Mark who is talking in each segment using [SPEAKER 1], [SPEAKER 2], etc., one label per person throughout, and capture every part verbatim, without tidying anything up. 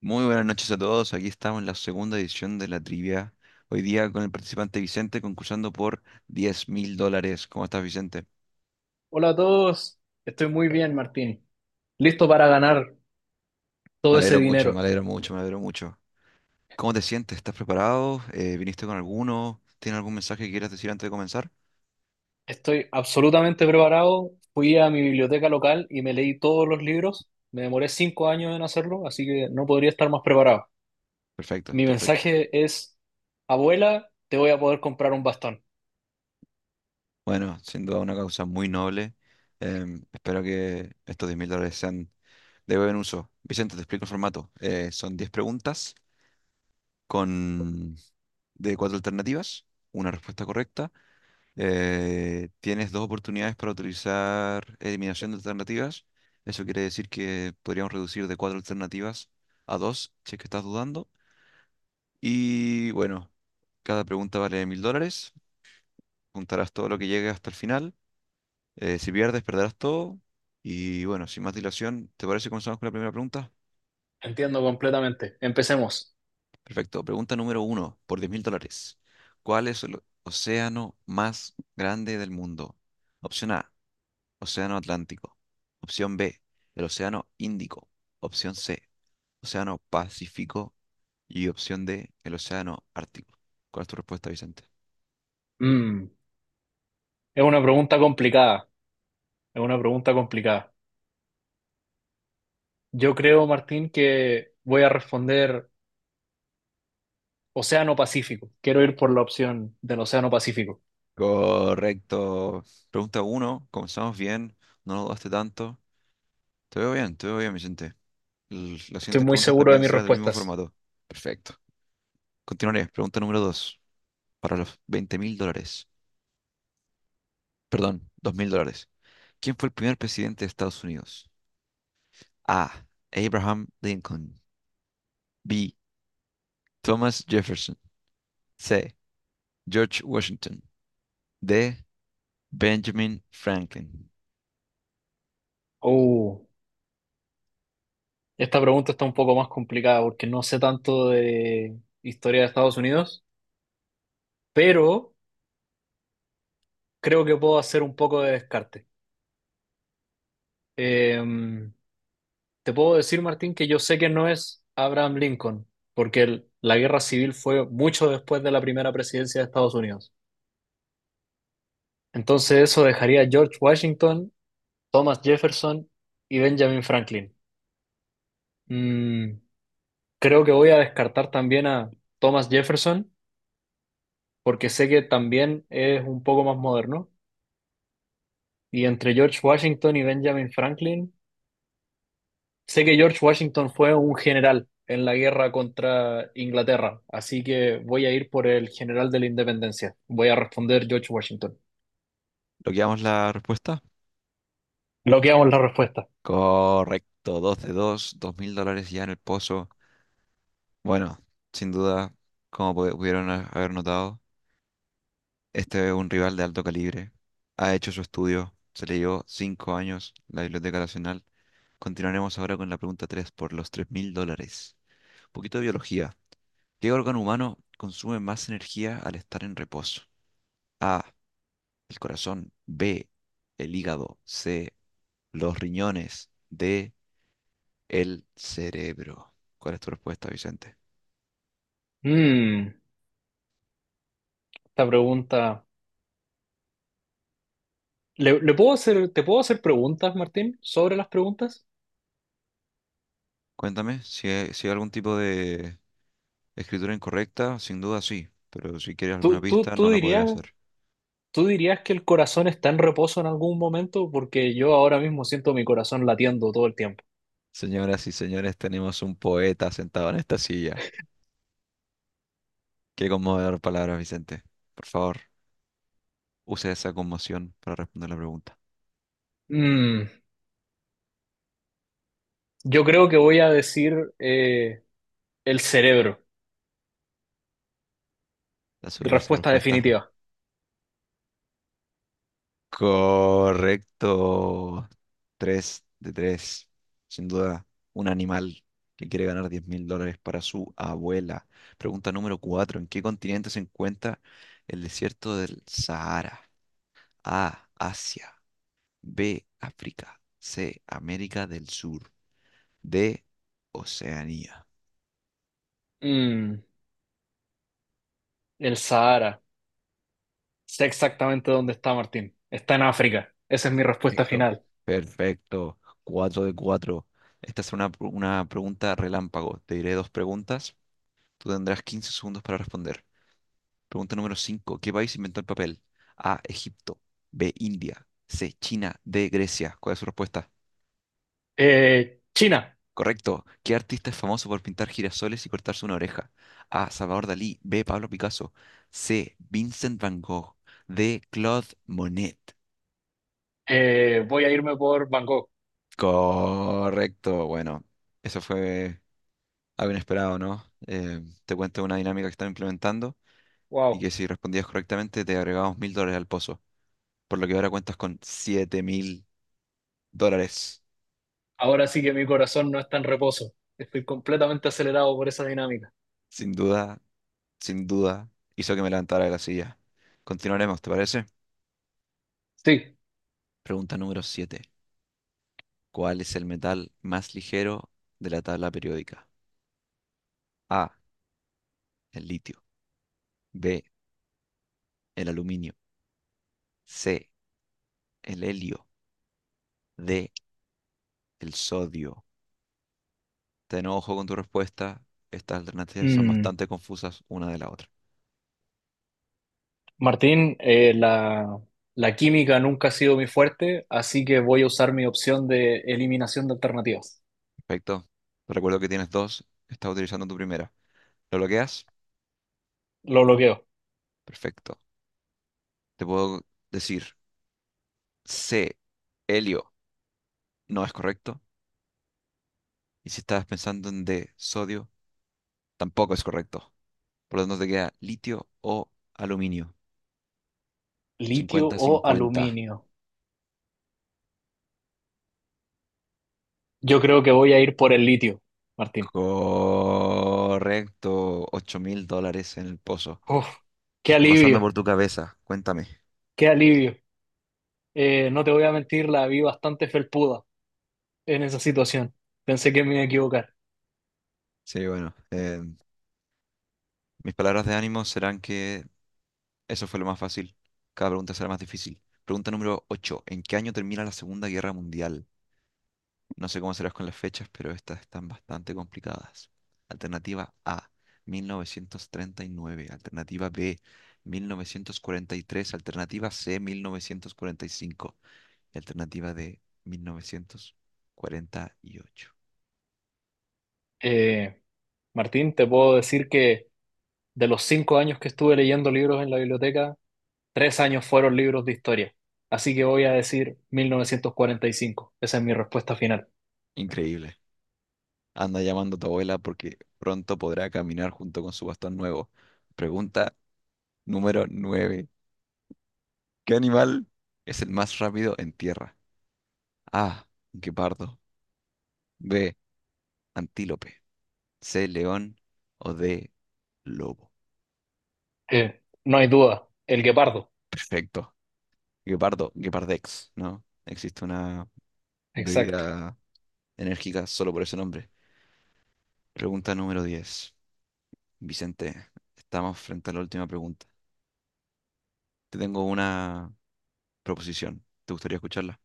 [SPEAKER 1] Muy buenas noches a todos. Aquí estamos en la segunda edición de la trivia. Hoy día con el participante Vicente concursando por diez mil dólares. ¿Cómo estás, Vicente?
[SPEAKER 2] Hola a todos, estoy muy bien, Martín. Listo para ganar
[SPEAKER 1] Me
[SPEAKER 2] todo ese
[SPEAKER 1] alegro mucho,
[SPEAKER 2] dinero.
[SPEAKER 1] me alegro mucho, me alegro mucho. ¿Cómo te sientes? ¿Estás preparado? Eh, ¿viniste con alguno? ¿Tienes algún mensaje que quieras decir antes de comenzar?
[SPEAKER 2] Estoy absolutamente preparado. Fui a mi biblioteca local y me leí todos los libros. Me demoré cinco años en hacerlo, así que no podría estar más preparado.
[SPEAKER 1] Perfecto,
[SPEAKER 2] Mi
[SPEAKER 1] perfecto.
[SPEAKER 2] mensaje es, abuela, te voy a poder comprar un bastón.
[SPEAKER 1] Bueno, sin duda una causa muy noble. Em, espero que estos diez mil dólares sean de buen uso. Vicente, te explico el formato. Eh, son diez preguntas con de cuatro alternativas, una respuesta correcta. Eh, tienes dos oportunidades para utilizar eliminación de alternativas. Eso quiere decir que podríamos reducir de cuatro alternativas a dos, si es que estás dudando. Y bueno, cada pregunta vale mil dólares. Juntarás todo lo que llegue hasta el final. Eh, si pierdes, perderás todo. Y bueno, sin más dilación, ¿te parece que comenzamos con la primera pregunta?
[SPEAKER 2] Entiendo completamente. Empecemos.
[SPEAKER 1] Perfecto. Pregunta número uno, por diez mil dólares. ¿Cuál es el océano más grande del mundo? Opción A, Océano Atlántico. Opción B, el Océano Índico. Opción C, Océano Pacífico. Y opción D, el Océano Ártico. ¿Cuál es tu respuesta, Vicente?
[SPEAKER 2] Mm, es una pregunta complicada. Es una pregunta complicada. Yo creo, Martín, que voy a responder Océano Pacífico. Quiero ir por la opción del Océano Pacífico.
[SPEAKER 1] Correcto. Pregunta uno, comenzamos bien, no lo dudaste tanto. Te veo bien, te veo bien, Vicente. L- Las
[SPEAKER 2] Estoy
[SPEAKER 1] siguientes
[SPEAKER 2] muy
[SPEAKER 1] preguntas
[SPEAKER 2] seguro de
[SPEAKER 1] también
[SPEAKER 2] mis
[SPEAKER 1] serán del mismo
[SPEAKER 2] respuestas.
[SPEAKER 1] formato. Perfecto. Continuaré. Pregunta número dos, para los veinte mil dólares. Perdón, dos mil dólares. ¿Quién fue el primer presidente de Estados Unidos? A. Abraham Lincoln. B. Thomas Jefferson. C. George Washington. D. Benjamin Franklin.
[SPEAKER 2] Uh, Esta pregunta está un poco más complicada porque no sé tanto de historia de Estados Unidos, pero creo que puedo hacer un poco de descarte. Em, Te puedo decir, Martín, que yo sé que no es Abraham Lincoln, porque el- la guerra civil fue mucho después de la primera presidencia de Estados Unidos. Entonces eso dejaría a George Washington, Thomas Jefferson y Benjamin Franklin. Mm, Creo que voy a descartar también a Thomas Jefferson porque sé que también es un poco más moderno. Y entre George Washington y Benjamin Franklin, sé que George Washington fue un general en la guerra contra Inglaterra, así que voy a ir por el general de la independencia. Voy a responder George Washington.
[SPEAKER 1] ¿Logueamos la respuesta?
[SPEAKER 2] Bloqueamos la respuesta.
[SPEAKER 1] Correcto. dos de dos, 2 mil dólares ya en el pozo. Bueno, sin duda, como pu- pudieron a- haber notado, este es un rival de alto calibre. Ha hecho su estudio. Se le llevó cinco años la Biblioteca Nacional. Continuaremos ahora con la pregunta tres por los tres mil dólares. Un poquito de biología. ¿Qué órgano humano consume más energía al estar en reposo? A, el corazón; B, el hígado; C, los riñones; D, el cerebro. ¿Cuál es tu respuesta, Vicente?
[SPEAKER 2] Mm, Esta pregunta. ¿Le, le puedo hacer, Te puedo hacer preguntas, Martín, sobre las preguntas?
[SPEAKER 1] Cuéntame si hay, si hay algún tipo de escritura incorrecta, sin duda sí, pero si quieres
[SPEAKER 2] ¿Tú,
[SPEAKER 1] alguna
[SPEAKER 2] tú,
[SPEAKER 1] pista
[SPEAKER 2] tú
[SPEAKER 1] no la podré
[SPEAKER 2] dirías,
[SPEAKER 1] hacer.
[SPEAKER 2] Tú dirías que el corazón está en reposo en algún momento? Porque yo ahora mismo siento mi corazón latiendo todo el tiempo.
[SPEAKER 1] Señoras y señores, tenemos un poeta sentado en esta silla. Qué conmovedor palabras, Vicente. Por favor, use esa conmoción para responder la pregunta.
[SPEAKER 2] Mm, yo creo que voy a decir eh, el cerebro.
[SPEAKER 1] ¿Estás seguro de esa
[SPEAKER 2] Respuesta
[SPEAKER 1] respuesta?
[SPEAKER 2] definitiva.
[SPEAKER 1] Correcto. Tres de tres. Sin duda, un animal que quiere ganar diez mil dólares para su abuela. Pregunta número cuatro. ¿En qué continente se encuentra el desierto del Sahara? A. Asia. B. África. C. América del Sur. D. Oceanía.
[SPEAKER 2] Mm, el Sahara. Sé exactamente dónde está Martín. Está en África. Esa es mi respuesta
[SPEAKER 1] Perfecto.
[SPEAKER 2] final.
[SPEAKER 1] Perfecto. Cuatro de cuatro. Esta es una, una pregunta relámpago. Te diré dos preguntas. Tú tendrás quince segundos para responder. Pregunta número cinco: ¿Qué país inventó el papel? A. Egipto. B. India. C. China. D. Grecia. ¿Cuál es su respuesta?
[SPEAKER 2] Eh, China.
[SPEAKER 1] Correcto. ¿Qué artista es famoso por pintar girasoles y cortarse una oreja? A. Salvador Dalí. B. Pablo Picasso. C. Vincent Van Gogh. D. Claude Monet.
[SPEAKER 2] Eh, voy a irme por Bangkok.
[SPEAKER 1] Correcto. Bueno, eso fue algo inesperado, ¿no? Eh, te cuento una dinámica que están implementando y
[SPEAKER 2] Wow.
[SPEAKER 1] que si respondías correctamente te agregamos mil dólares al pozo, por lo que ahora cuentas con siete mil dólares.
[SPEAKER 2] Ahora sí que mi corazón no está en reposo. Estoy completamente acelerado por esa dinámica.
[SPEAKER 1] Sin duda, sin duda, hizo que me levantara de la silla. Continuaremos, ¿te parece?
[SPEAKER 2] Sí.
[SPEAKER 1] Pregunta número siete. ¿Cuál es el metal más ligero de la tabla periódica? A, el litio. B, el aluminio. C, el helio. D, el sodio. Ten ojo con tu respuesta. Estas alternativas son
[SPEAKER 2] Mm,
[SPEAKER 1] bastante confusas una de la otra.
[SPEAKER 2] Martín, eh, la, la química nunca ha sido mi fuerte, así que voy a usar mi opción de eliminación de alternativas.
[SPEAKER 1] Perfecto. Te recuerdo que tienes dos. Estás utilizando tu primera. ¿Lo bloqueas?
[SPEAKER 2] Lo bloqueo.
[SPEAKER 1] Perfecto. Te puedo decir C, helio, no es correcto. Y si estabas pensando en de sodio, tampoco es correcto. Por lo tanto, te queda litio o aluminio.
[SPEAKER 2] ¿Litio
[SPEAKER 1] Cincuenta
[SPEAKER 2] o
[SPEAKER 1] cincuenta.
[SPEAKER 2] aluminio? Yo creo que voy a ir por el litio, Martín.
[SPEAKER 1] Correcto. Ocho mil dólares en el pozo.
[SPEAKER 2] Uf,
[SPEAKER 1] ¿Qué
[SPEAKER 2] qué
[SPEAKER 1] está pasando
[SPEAKER 2] alivio,
[SPEAKER 1] por tu cabeza? Cuéntame.
[SPEAKER 2] qué alivio. Eh, no te voy a mentir, la vi bastante felpuda en esa situación. Pensé que me iba a equivocar.
[SPEAKER 1] Sí, bueno, eh, mis palabras de ánimo serán que eso fue lo más fácil. Cada pregunta será más difícil. Pregunta número ocho. ¿En qué año termina la Segunda Guerra Mundial? No sé cómo serás con las fechas, pero estas están bastante complicadas. Alternativa A, mil novecientos treinta y nueve. Alternativa B, mil novecientos cuarenta y tres. Alternativa C, mil novecientos cuarenta y cinco. Y cinco. Y alternativa D, mil novecientos cuarenta y ocho.
[SPEAKER 2] Eh, Martín, te puedo decir que de los cinco años que estuve leyendo libros en la biblioteca, tres años fueron libros de historia. Así que voy a decir mil novecientos cuarenta y cinco. Esa es mi respuesta final.
[SPEAKER 1] Increíble. Anda llamando a tu abuela porque pronto podrá caminar junto con su bastón nuevo. Pregunta número nueve. ¿Qué animal es el más rápido en tierra? A, guepardo; B, antílope; C, león; o D, lobo.
[SPEAKER 2] Eh, no hay duda, el guepardo.
[SPEAKER 1] Perfecto. Guepardo, Guepardex, ¿no? Existe una
[SPEAKER 2] Exacto.
[SPEAKER 1] bebida enérgica solo por ese nombre. Pregunta número diez. Vicente, estamos frente a la última pregunta. Te tengo una proposición. ¿Te gustaría escucharla?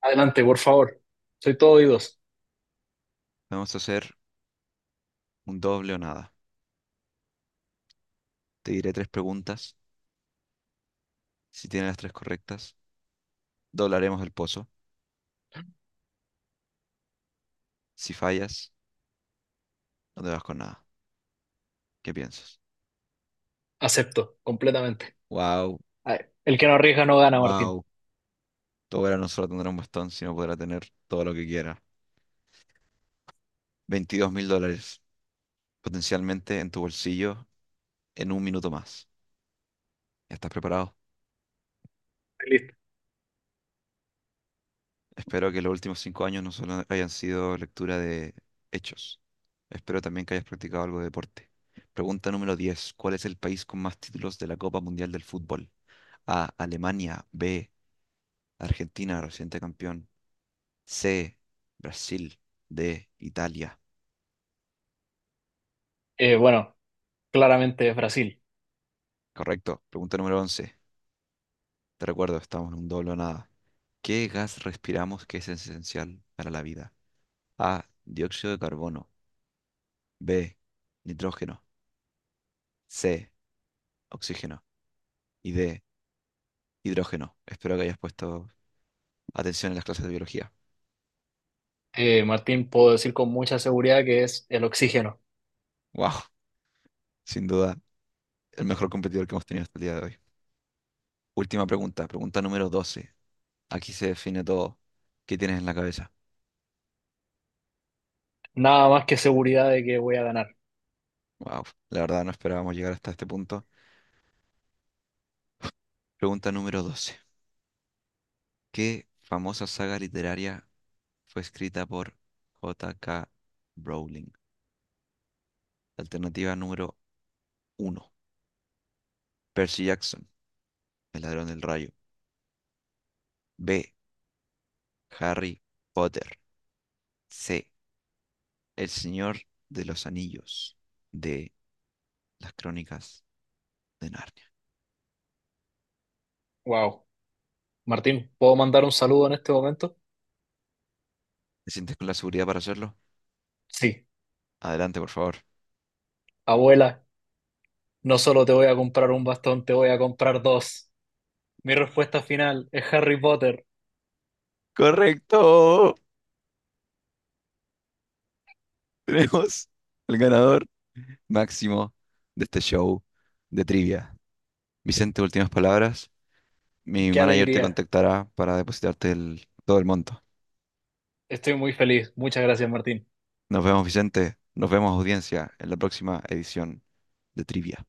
[SPEAKER 2] Adelante, por favor. Soy todo oídos.
[SPEAKER 1] Vamos a hacer un doble o nada. Te diré tres preguntas. Si tienes las tres correctas, doblaremos el pozo. Si fallas, no te vas con nada. ¿Qué piensas?
[SPEAKER 2] Acepto, completamente.
[SPEAKER 1] Wow,
[SPEAKER 2] Ay, el que no arriesga no gana, Martín.
[SPEAKER 1] wow. Tu abuela no solo tendrá un bastón, sino podrá tener todo lo que quiera. Veintidós mil dólares potencialmente en tu bolsillo en un minuto más. ¿Estás preparado?
[SPEAKER 2] Listo.
[SPEAKER 1] Espero que los últimos cinco años no solo hayan sido lectura de hechos. Espero también que hayas practicado algo de deporte. Pregunta número diez: ¿Cuál es el país con más títulos de la Copa Mundial del Fútbol? A. Alemania. B. Argentina, reciente campeón. C. Brasil. D. Italia.
[SPEAKER 2] Eh, bueno, claramente es Brasil.
[SPEAKER 1] Correcto. Pregunta número once. Te recuerdo, estamos en un doble o nada. ¿Qué gas respiramos que es esencial para la vida? A. Dióxido de carbono. B. Nitrógeno. C. Oxígeno. Y D. Hidrógeno. Espero que hayas puesto atención en las clases de biología.
[SPEAKER 2] Eh, Martín, puedo decir con mucha seguridad que es el oxígeno.
[SPEAKER 1] ¡Wow! Sin duda, el mejor competidor que hemos tenido hasta el día de hoy. Última pregunta, pregunta número doce. Aquí se define todo. ¿Qué tienes en la cabeza?
[SPEAKER 2] Nada más que seguridad de que voy a ganar.
[SPEAKER 1] ¡Wow! La verdad no esperábamos llegar hasta este punto. Pregunta número doce. ¿Qué famosa saga literaria fue escrita por J. K. Rowling? Alternativa número uno, Percy Jackson, el ladrón del rayo. B. Harry Potter. C. El Señor de los Anillos. D. Las Crónicas de Narnia.
[SPEAKER 2] Wow. Martín, ¿puedo mandar un saludo en este momento?
[SPEAKER 1] ¿Te sientes con la seguridad para hacerlo?
[SPEAKER 2] Sí.
[SPEAKER 1] Adelante, por favor.
[SPEAKER 2] Abuela, no solo te voy a comprar un bastón, te voy a comprar dos. Mi respuesta final es Harry Potter.
[SPEAKER 1] Correcto. Tenemos el ganador máximo de este show de trivia. Vicente, últimas palabras. Mi
[SPEAKER 2] ¡Qué
[SPEAKER 1] manager te
[SPEAKER 2] alegría!
[SPEAKER 1] contactará para depositarte el- todo el monto.
[SPEAKER 2] Estoy muy feliz. Muchas gracias, Martín.
[SPEAKER 1] Nos vemos, Vicente. Nos vemos, audiencia, en la próxima edición de trivia.